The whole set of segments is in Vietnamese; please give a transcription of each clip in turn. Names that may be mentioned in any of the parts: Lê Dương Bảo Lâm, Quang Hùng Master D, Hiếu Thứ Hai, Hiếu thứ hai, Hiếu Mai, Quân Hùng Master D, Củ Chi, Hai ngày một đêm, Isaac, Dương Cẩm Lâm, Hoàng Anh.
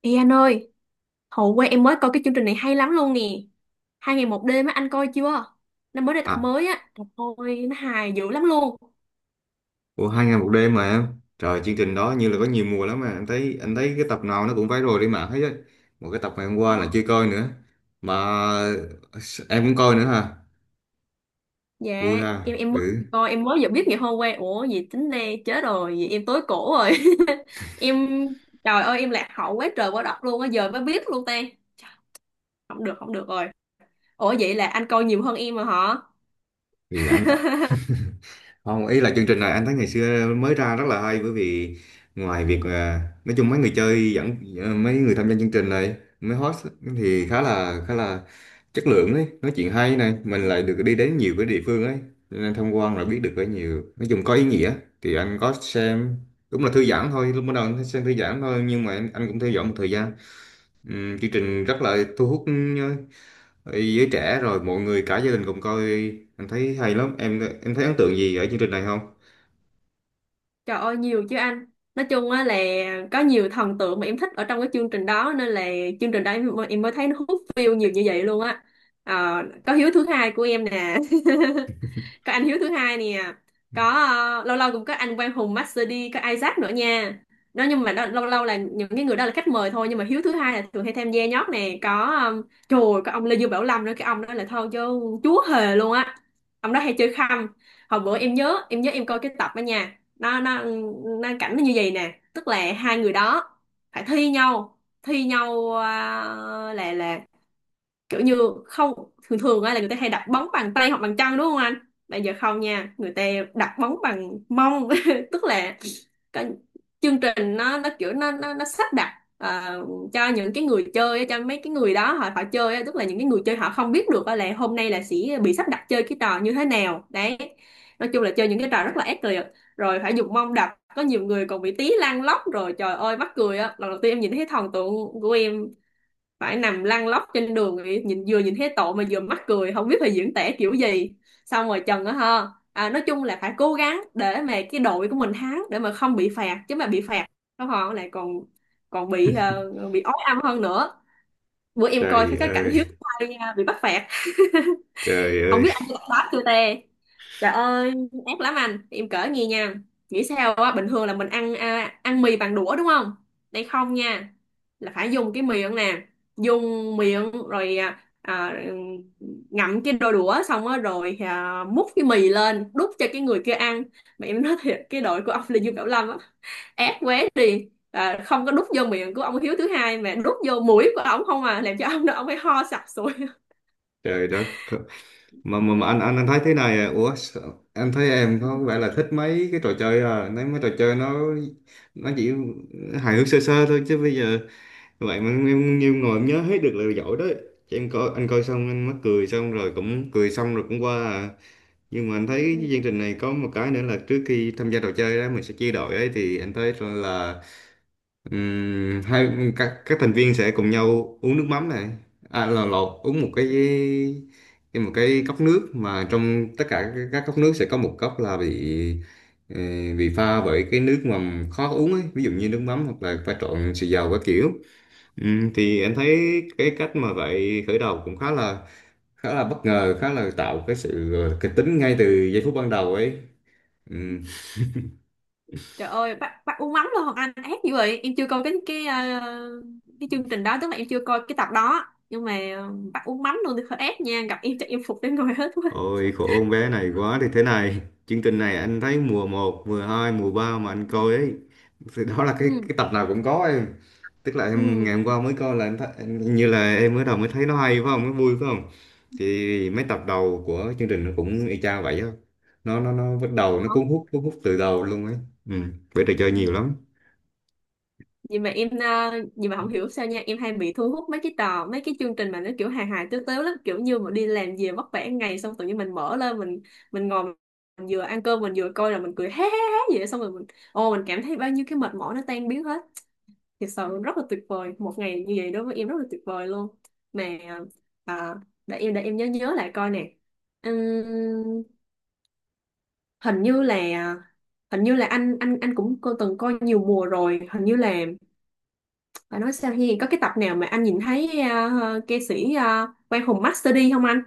Ê anh ơi, hồi qua em mới coi cái chương trình này hay lắm luôn nè. Hai ngày một đêm á, anh coi chưa? Nó mới ra tập À, mới á, trời ơi, nó hài dữ lắm luôn. ủa hai ngày một đêm mà em. Trời, chương trình đó như là có nhiều mùa lắm mà anh thấy cái tập nào nó cũng viral trên mạng hết á. Một cái tập ngày hôm qua là chưa coi nữa. Mà em cũng coi nữa hả? Dạ, Vui ha. em mới Ừ. coi, em mới vừa biết ngày hôm qua. Ủa, gì tính đây, chết rồi, vậy em tối cổ rồi. Em, trời ơi, em lạc hậu quá trời quá đất luôn á, giờ mới biết luôn ta. Trời, không được, không được rồi. Ủa vậy là anh coi nhiều hơn em mà hả? Thì anh Không, ý là chương trình này anh thấy ngày xưa mới ra rất là hay, bởi vì ngoài việc nói chung mấy người chơi dẫn, mấy người tham gia chương trình này, mấy host thì khá là chất lượng ấy, nói chuyện hay này, mình lại được đi đến nhiều cái địa phương ấy. Cho nên tham quan là biết được cái nhiều, nói chung có ý nghĩa, thì anh có xem. Đúng là thư giãn thôi, lúc ban đầu anh thấy xem thư giãn thôi nhưng mà anh cũng theo dõi một thời gian. Chương trình rất là thu hút giới trẻ, rồi mọi người cả gia đình cùng coi, anh thấy hay lắm. Em thấy ấn tượng gì ở chương trình này không? Trời ơi nhiều chứ anh. Nói chung á là có nhiều thần tượng mà em thích ở trong cái chương trình đó, nên là chương trình đó em mới thấy nó hút view nhiều như vậy luôn á. Ờ, có hiếu thứ hai của em nè. Có anh Hiếu thứ hai nè, có lâu lâu cũng có anh Quang Hùng Master D, có Isaac nữa nha. Đó, nhưng mà đó, lâu lâu là những cái người đó là khách mời thôi, nhưng mà Hiếu thứ hai là thường hay tham gia nhót nè, có trời ơi, có ông Lê Dương Bảo Lâm nữa, cái ông đó là thôi chứ chúa hề luôn á. Ông đó hay chơi khăm. Hồi bữa em nhớ em coi cái tập đó nha, nó nó cảnh nó như vậy nè, tức là hai người đó phải thi nhau là kiểu như không thường thường á là người ta hay đặt bóng bằng tay hoặc bằng chân đúng không anh? Bây giờ không nha, người ta đặt bóng bằng mông. Tức là cái chương trình nó kiểu nó sắp đặt ờ, cho những cái người chơi á, cho mấy cái người đó họ họ chơi á, tức là những cái người chơi họ không biết được á là hôm nay là sẽ bị sắp đặt chơi cái trò như thế nào đấy. Nói chung là chơi những cái trò rất là ác liệt, rồi phải dùng mông đập, có nhiều người còn bị tí lăn lóc, rồi trời ơi mắc cười á. Lần đầu tiên em nhìn thấy thần tượng của em phải nằm lăn lóc trên đường thì nhìn, vừa nhìn thấy tội mà vừa mắc cười, không biết phải diễn tả kiểu gì. Xong rồi Trần á ha. À, nói chung là phải cố gắng để mà cái đội của mình thắng để mà không bị phạt, chứ mà bị phạt không họ lại còn còn bị bị ói âm hơn nữa. Bữa em coi Trời cái cảnh ơi. Hiếu Mai bị bắt phạt, Trời không ơi. biết anh có đáp chưa tê, trời ơi ác lắm anh, em cỡ nghe nha. Nghĩ sao á, bình thường là mình ăn ăn mì bằng đũa đúng không? Đây không nha, là phải dùng cái miệng nè, dùng miệng rồi ngậm cái đôi đũa xong á rồi múc cái mì lên đút cho cái người kia ăn. Mà em nói thiệt, cái đội của ông là Dương Cẩm Lâm á, ác quá đi, không có đút vô miệng của ông Hiếu thứ hai mà đút vô mũi của ông không à, làm cho ông đó ông phải ho sặc sụi Trời đất. Mà nha. anh thấy thế này, à ủa, anh thấy em có vẻ là thích mấy cái trò chơi, à nếu mấy trò chơi nó chỉ hài hước sơ sơ thôi chứ bây giờ vậy mà em nhiều ngồi em nhớ hết được là giỏi đấy. Chứ em coi, anh coi xong anh mắc cười, xong rồi cũng cười xong rồi cũng qua à. Nhưng mà anh thấy cái chương trình này có một cái nữa là trước khi tham gia trò chơi đó mình sẽ chia đội ấy, thì anh thấy là, hai, các thành viên sẽ cùng nhau uống nước mắm này, là lột uống một một cái cốc nước, mà trong tất cả các cốc nước sẽ có một cốc là bị ờ, bị pha bởi cái nước mà khó uống ấy, ví dụ như nước mắm hoặc là pha trộn xì dầu các kiểu. Thì em thấy cái cách mà vậy khởi đầu cũng khá là bất ngờ, khá là tạo cái sự kịch tính ngay từ giây phút ban đầu ấy. Ừm, Trời ơi, bác uống mắm luôn, Hoàng Anh ác dữ vậy. Em chưa coi cái cái chương trình đó, tức là em chưa coi cái tập đó. Nhưng mà ờ, bác uống mắm luôn thì hơi ác nha, gặp em chắc em phục đến người hết quá. Ôi khổ con bé này quá, thì thế này, chương trình này anh thấy mùa một, mùa hai, mùa 3 mà anh coi ấy, thì đó là cái Ừ, cái tập nào cũng có em, tức là em ừ, ngày hôm qua mới coi là em thấy, như là em mới đầu mới thấy nó hay phải không, nó vui phải không, thì mấy tập đầu của chương trình nó cũng y chang vậy á. Nó bắt đầu, nó đó. Cuốn hút từ đầu luôn ấy. Ừ, bởi trò chơi nhiều Ừ. lắm. Vậy mà em vậy mà không hiểu sao nha, em hay bị thu hút mấy cái tờ, mấy cái chương trình mà nó kiểu hài hài tếu tếu lắm, kiểu như mà đi làm về vất vả ngày xong tự nhiên mình mở lên mình ngồi, mình vừa ăn cơm mình vừa coi là mình cười hé hé hé vậy, xong rồi mình ô mình cảm thấy bao nhiêu cái mệt mỏi nó tan biến hết. Thực sự rất là tuyệt vời, một ngày như vậy đối với em rất là tuyệt vời luôn. Mà à, để em nhớ nhớ lại coi nè. Ừm, hình như là hình như là anh cũng cô từng coi nhiều mùa rồi, hình như là phải nói sao hiền, có cái tập nào mà anh nhìn thấy ca sĩ à, Quang Hùng Master D không anh?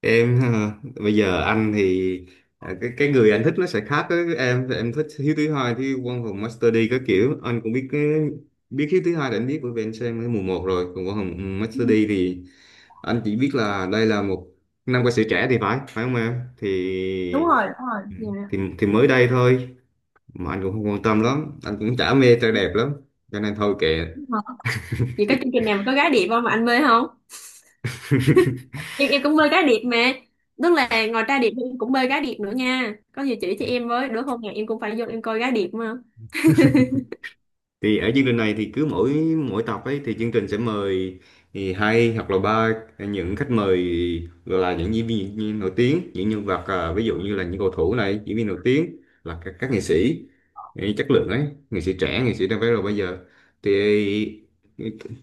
Em hả? Bây giờ anh thì cái người anh thích nó sẽ khác với Em thích Hiếu Thứ Hai, thì Quân Hùng Master D các kiểu anh cũng biết cái, biết Hiếu Thứ Hai là anh biết bởi vì anh xem cái mùa một rồi, còn Quân Hùng Ừ, Master D thì anh chỉ biết là đây là một nam ca sĩ trẻ thì phải, phải không em? Thì đúng rồi. Dạ. thì mới đây thôi mà anh cũng không quan tâm lắm, anh cũng chả mê trai đẹp lắm cho nên thôi kệ. Đúng rồi. Vậy có chương trình nào mà có gái đẹp không mà anh mê không? Nhưng em cũng bơi cá điệp mà, tức là ngoài ra điệp thì em cũng bơi cá điệp nữa nha, có gì chỉ cho em với, đứa hôm nào em cũng phải vô em coi cá điệp mà. Thì ở chương trình này thì cứ mỗi mỗi tập ấy thì chương trình sẽ mời, thì hai hoặc là ba những khách mời, gọi là những diễn viên nổi tiếng, những nhân vật, ví dụ như là những cầu thủ này, diễn viên nổi tiếng, là các nghệ Ừ. sĩ ý, chất lượng ấy, nghệ sĩ trẻ, nghệ sĩ đang vẽ rồi bây giờ, thì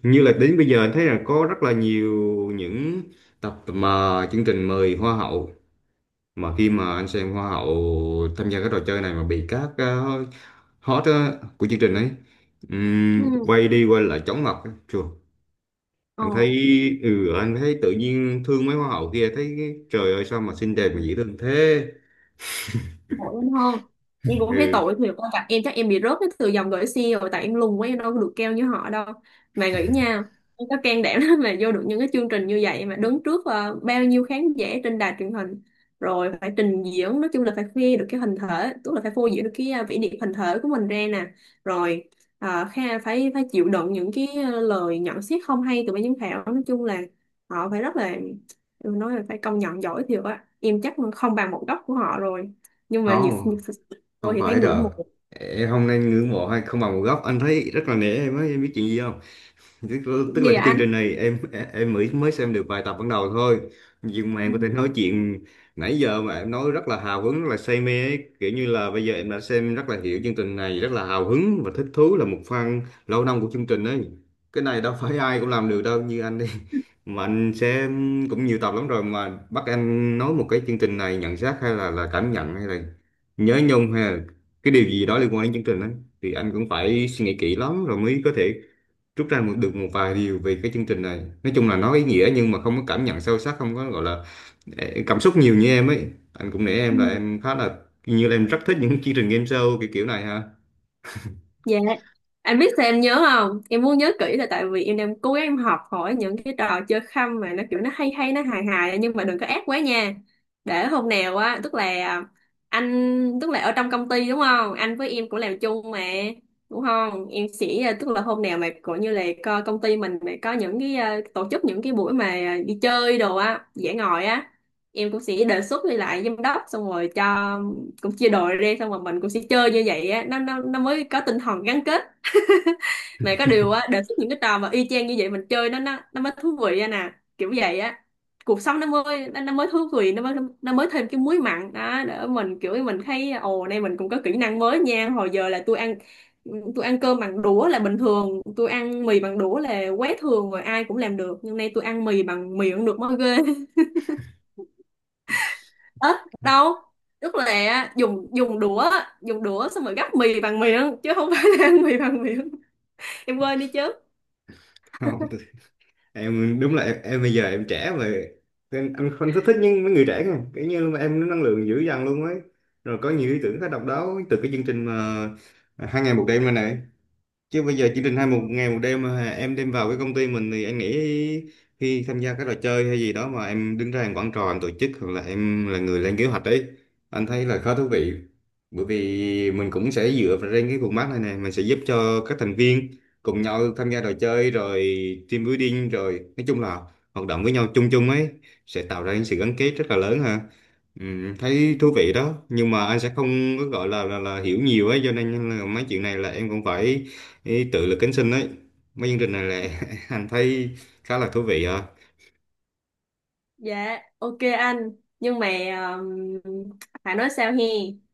như là đến bây giờ anh thấy là có rất là nhiều những tập mà chương trình mời hoa hậu, mà khi mà anh xem hoa hậu tham gia cái trò chơi này mà bị các, hot á, của chương trình ấy. Ừ. Quay đi quay lại chóng mặt á chùa. Ờ. Anh thấy, ừ, anh thấy tự nhiên thương mấy hoa hậu kia, thấy trời ơi sao mà xinh đẹp mà dễ thương thế. Tội em hơn, em cũng thấy Ừ. tội thiệt, con gặp em chắc em bị rớt cái từ dòng gửi xe rồi, tại em lùn quá, em đâu có được keo như họ đâu. Mà nghĩ nha, em có can đảm lắm mà vô được những cái chương trình như vậy, mà đứng trước ờ, bao nhiêu khán giả trên đài truyền hình, rồi phải trình diễn, nói chung là phải khoe được cái hình thể, tức là phải phô diễn được cái vẻ đẹp hình thể của mình ra nè, rồi kha phải phải chịu đựng những cái lời nhận xét không hay từ ban giám khảo. Nói chung là họ phải rất là, em nói là phải công nhận giỏi thiệt á, em chắc không bằng một góc của họ rồi. Nhưng mà Không, nhiều tôi không thì thấy phải ngưỡng đâu, mộ em không nên ngưỡng mộ hay không bằng một góc, anh thấy rất là nể em ấy. Em biết chuyện gì không? tức, cũng tức như là cái là chương anh. trình này em mới mới xem được vài tập ban đầu thôi, nhưng mà em Ừ. có thể nói chuyện nãy giờ mà em nói rất là hào hứng, rất là say mê ấy, kiểu như là bây giờ em đã xem rất là hiểu chương trình này, rất là hào hứng và thích thú, là một fan lâu năm của chương trình ấy. Cái này đâu phải ai cũng làm được đâu, như anh đi, mà anh xem cũng nhiều tập lắm rồi, mà bắt anh nói một cái chương trình này nhận xét hay là cảm nhận hay là nhớ nhung hay là cái điều gì đó liên quan đến chương trình ấy thì anh cũng phải suy nghĩ kỹ lắm rồi mới có thể rút ra được một vài điều về cái chương trình này. Nói chung là nó ý nghĩa nhưng mà không có cảm nhận sâu sắc, không có gọi là cảm xúc nhiều như em ấy. Anh cũng nể em là Ừ. em khá là, như là em rất thích những chương trình game show kiểu kiểu này ha. Dạ, anh biết sao em nhớ không? Em muốn nhớ kỹ là tại vì em đang cố gắng em học hỏi những cái trò chơi khăm mà nó kiểu nó hay hay, nó hài hài nhưng mà đừng có ác quá nha. Để hôm nào á, tức là anh, tức là ở trong công ty đúng không? Anh với em cũng làm chung mà, đúng không? Em sẽ, à, tức là hôm nào mà cũng như là công ty mình mà có những cái ờ, tổ chức những cái buổi mà à, đi chơi đồ á, dã ngoại á, em cũng sẽ đề xuất đi lại giám đốc, xong rồi cho cũng chia đội ra, xong rồi mình cũng sẽ chơi như vậy á, nó mới có tinh thần gắn kết. Mà có điều á, đề xuất những cái trò mà y chang như vậy mình chơi nó mới thú vị á nè, kiểu vậy á. Cuộc sống nó mới nó mới thú vị, nó mới thêm cái muối mặn đó, để mình kiểu mình thấy ồ, nay mình cũng có kỹ năng mới nha. Hồi giờ là tôi ăn cơm bằng đũa là bình thường, tôi ăn mì bằng đũa là quá thường rồi, ai cũng làm được, nhưng nay tôi ăn mì bằng miệng được mới ghê. Tết đâu, tức là dùng dùng đũa á, dùng đũa xong rồi gắp mì bằng miệng chứ không phải là ăn mì bằng miệng, em quên đi chứ. không tôi- Em đúng là em, bây giờ em trẻ mà em không thích thích những mấy người trẻ kìa, kiểu như là em năng lượng dữ dằn luôn ấy, rồi có nhiều ý tưởng khá độc đáo từ cái chương trình mà, hai ngày một đêm này này, chứ bây giờ chỉ định hai một ngày một đêm mà em đem vào cái công ty mình thì anh nghĩ khi tham gia các trò chơi hay gì đó mà em đứng ra làm quản trò, em tổ chức hoặc là em là người lên kế hoạch ấy, anh thấy là khá thú vị. Bởi vì mình cũng sẽ dựa vào trên cái format này nè, mình sẽ giúp cho các thành viên cùng nhau tham gia trò chơi rồi team building rồi, nói chung là hoạt động với nhau chung chung ấy, sẽ tạo ra những sự gắn kết rất là lớn ha. Ừ. Thấy thú vị đó, nhưng mà anh sẽ không có gọi là là hiểu nhiều ấy, cho nên là mấy chuyện này là em cũng phải, ý tự lực cánh sinh ấy, mấy chương trình này là anh thấy khá là thú vị à. Dạ, ok anh. Nhưng mà um, phải nói sao he,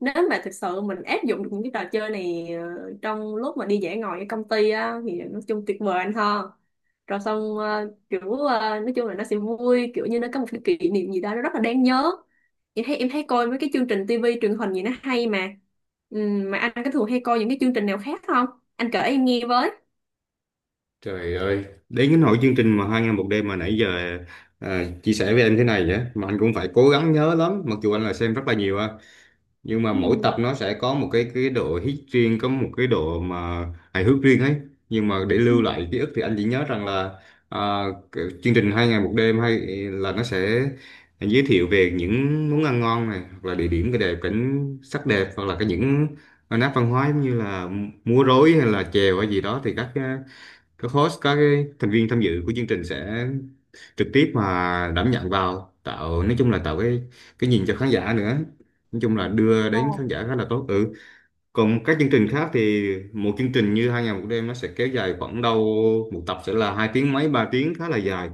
nếu mà thực sự mình áp dụng được những cái trò chơi này trong lúc mà đi dã ngoại ở công ty á thì nói chung tuyệt vời anh ha. Rồi xong kiểu nói chung là nó sẽ vui, kiểu như nó có một cái kỷ niệm gì đó nó rất là đáng nhớ. Em thấy coi mấy cái chương trình tivi truyền hình gì nó hay mà. Mà anh có thường hay coi những cái chương trình nào khác không? Anh kể em nghe với. Trời ơi, đến cái nỗi chương trình mà hai ngày một đêm mà nãy giờ chia sẻ với em thế này, vậy mà anh cũng phải cố gắng nhớ lắm, mặc dù anh là xem rất là nhiều, nhưng mà Ừ. mỗi tập nó sẽ có một cái độ hit riêng, có một cái độ mà hài hước riêng ấy, nhưng mà để Ừ. lưu lại ký ức thì anh chỉ nhớ rằng là, à, cái chương trình hai ngày một đêm hay là nó sẽ giới thiệu về những món ăn ngon này, hoặc là địa điểm cái đẹp, cảnh sắc đẹp, hoặc là cái những nét văn hóa giống như là múa rối hay là chèo hay gì đó, thì các host, các cái thành viên tham dự của chương trình sẽ trực tiếp mà đảm nhận vào tạo, nói chung là tạo cái nhìn cho khán giả nữa, nói chung là đưa đến khán giả khá là tốt. Ừ. Còn các chương trình khác thì một chương trình như hai ngày một đêm nó sẽ kéo dài khoảng đâu một tập sẽ là hai tiếng mấy, ba tiếng, khá là dài,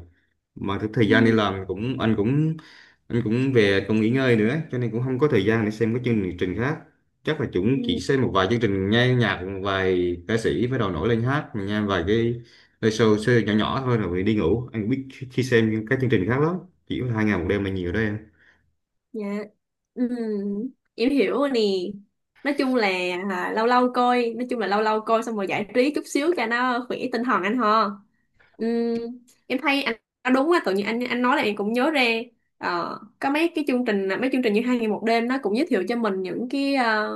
mà cái thời Ừ. gian đi làm cũng, anh cũng về còn nghỉ ngơi nữa, cho nên cũng không có thời gian để xem các chương trình khác, chắc là chúng Ừ. chỉ xem một vài chương trình nghe nhạc, một vài ca sĩ bắt đầu nổi lên hát mình nghe vài cái show nhỏ nhỏ thôi rồi đi ngủ. Anh biết khi xem các chương trình khác lắm, chỉ có hai ngày một đêm là nhiều đấy em. Dạ. Ừ, em hiểu rồi nè. Nói chung là lâu lâu coi, nói chung là lâu lâu coi xong rồi giải trí chút xíu cho nó khỏe tinh thần anh ho. Ừ, em thấy anh nói đúng á, tự nhiên anh nói là em cũng nhớ ra. Ờ, có mấy cái chương trình, mấy chương trình như hai ngày một đêm nó cũng giới thiệu cho mình những cái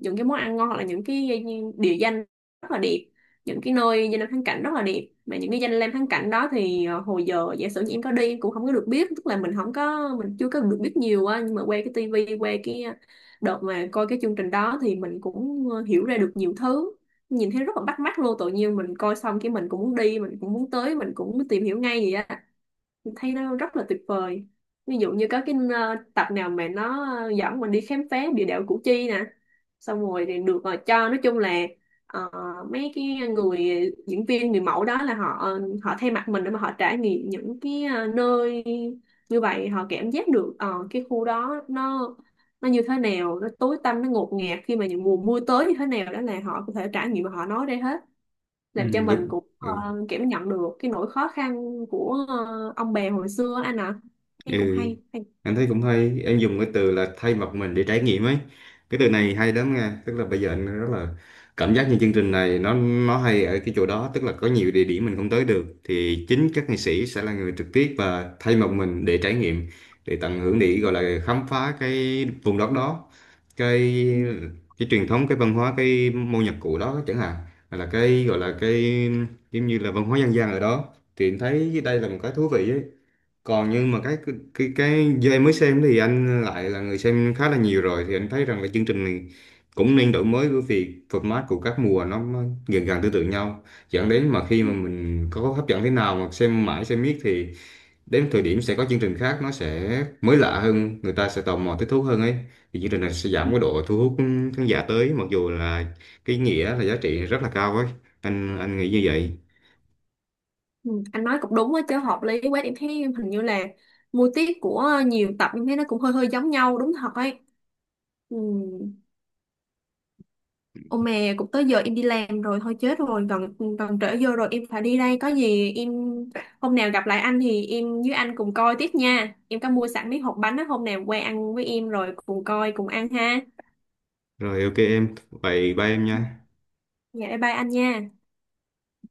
những cái món ăn ngon, hoặc là những cái địa danh rất là đẹp, những cái nơi danh lam thắng cảnh rất là đẹp, mà những cái danh lam thắng cảnh đó thì ờ, hồi giờ giả sử như em có đi em cũng không có được biết, tức là mình chưa có được biết nhiều á, nhưng mà qua cái tivi qua cái đợt mà coi cái chương trình đó thì mình cũng ờ, hiểu ra được nhiều thứ, nhìn thấy rất là bắt mắt luôn, tự nhiên mình coi xong cái mình cũng muốn đi, mình cũng muốn tới, mình cũng muốn tìm hiểu ngay vậy á, mình thấy nó rất là tuyệt vời. Ví dụ như có cái ờ, tập nào mà nó dẫn mình đi khám phá địa đạo Củ Chi nè, xong rồi thì được ờ, cho nói chung là ờ, mấy cái người diễn viên người mẫu đó là họ họ thay mặt mình để mà họ trải nghiệm những cái ờ, nơi như vậy, họ cảm giác được ờ, cái khu đó nó như thế nào, nó tối tăm, nó ngột ngạt khi mà những mùa mưa tới như thế nào, đó là họ có thể trải nghiệm và họ nói ra hết, Ừ, làm cho mình đúng. cũng Ừ. kiểu nhận được cái nỗi khó khăn của ờ, ông bè hồi xưa anh ạ, thấy cũng Ừ. Hay. Anh thấy cũng hay, em dùng cái từ là thay mặt mình để trải nghiệm ấy. Cái từ này hay lắm nha, tức là bây giờ anh rất là cảm giác như chương trình này nó hay ở cái chỗ đó, tức là có nhiều địa điểm mình không tới được thì chính các nghệ sĩ sẽ là người trực tiếp và thay mặt mình để trải nghiệm, để tận hưởng, để gọi là khám phá cái vùng đất đó, cái Ừ. cái truyền thống, cái văn hóa, cái môn nhạc cụ đó chẳng hạn, hay là cái gọi là cái giống như là văn hóa dân gian ở đó. Thì em thấy đây là một cái thú vị ấy, còn nhưng mà cái do em mới xem thì anh lại là người xem khá là nhiều rồi, thì anh thấy rằng là chương trình này cũng nên đổi mới, bởi vì format của các mùa nó gần gần tương tự nhau, dẫn đến mà khi mà mình có hấp dẫn thế nào mà xem mãi xem miết thì đến thời điểm sẽ có chương trình khác nó sẽ mới lạ hơn, người ta sẽ tò mò thích thú hơn ấy, thì chương trình này sẽ giảm cái độ thu hút khán giả tới, mặc dù là cái nghĩa là giá trị rất là cao ấy, anh nghĩ như vậy. Ừ, anh nói cũng đúng á chứ, hợp lý quá, em thấy hình như là mô típ của nhiều tập em thấy nó cũng hơi hơi giống nhau đúng thật ấy. Ừ. Ô mẹ, cũng tới giờ em đi làm rồi, thôi chết rồi, gần gần trễ giờ rồi, em phải đi đây, có gì em hôm nào gặp lại anh thì em với anh cùng coi tiếp nha, em có mua sẵn mấy hộp bánh á, hôm nào qua ăn với em rồi cùng coi cùng ăn ha. Rồi ok em, vậy bye em Ừ, nha. dạ bye bye anh nha.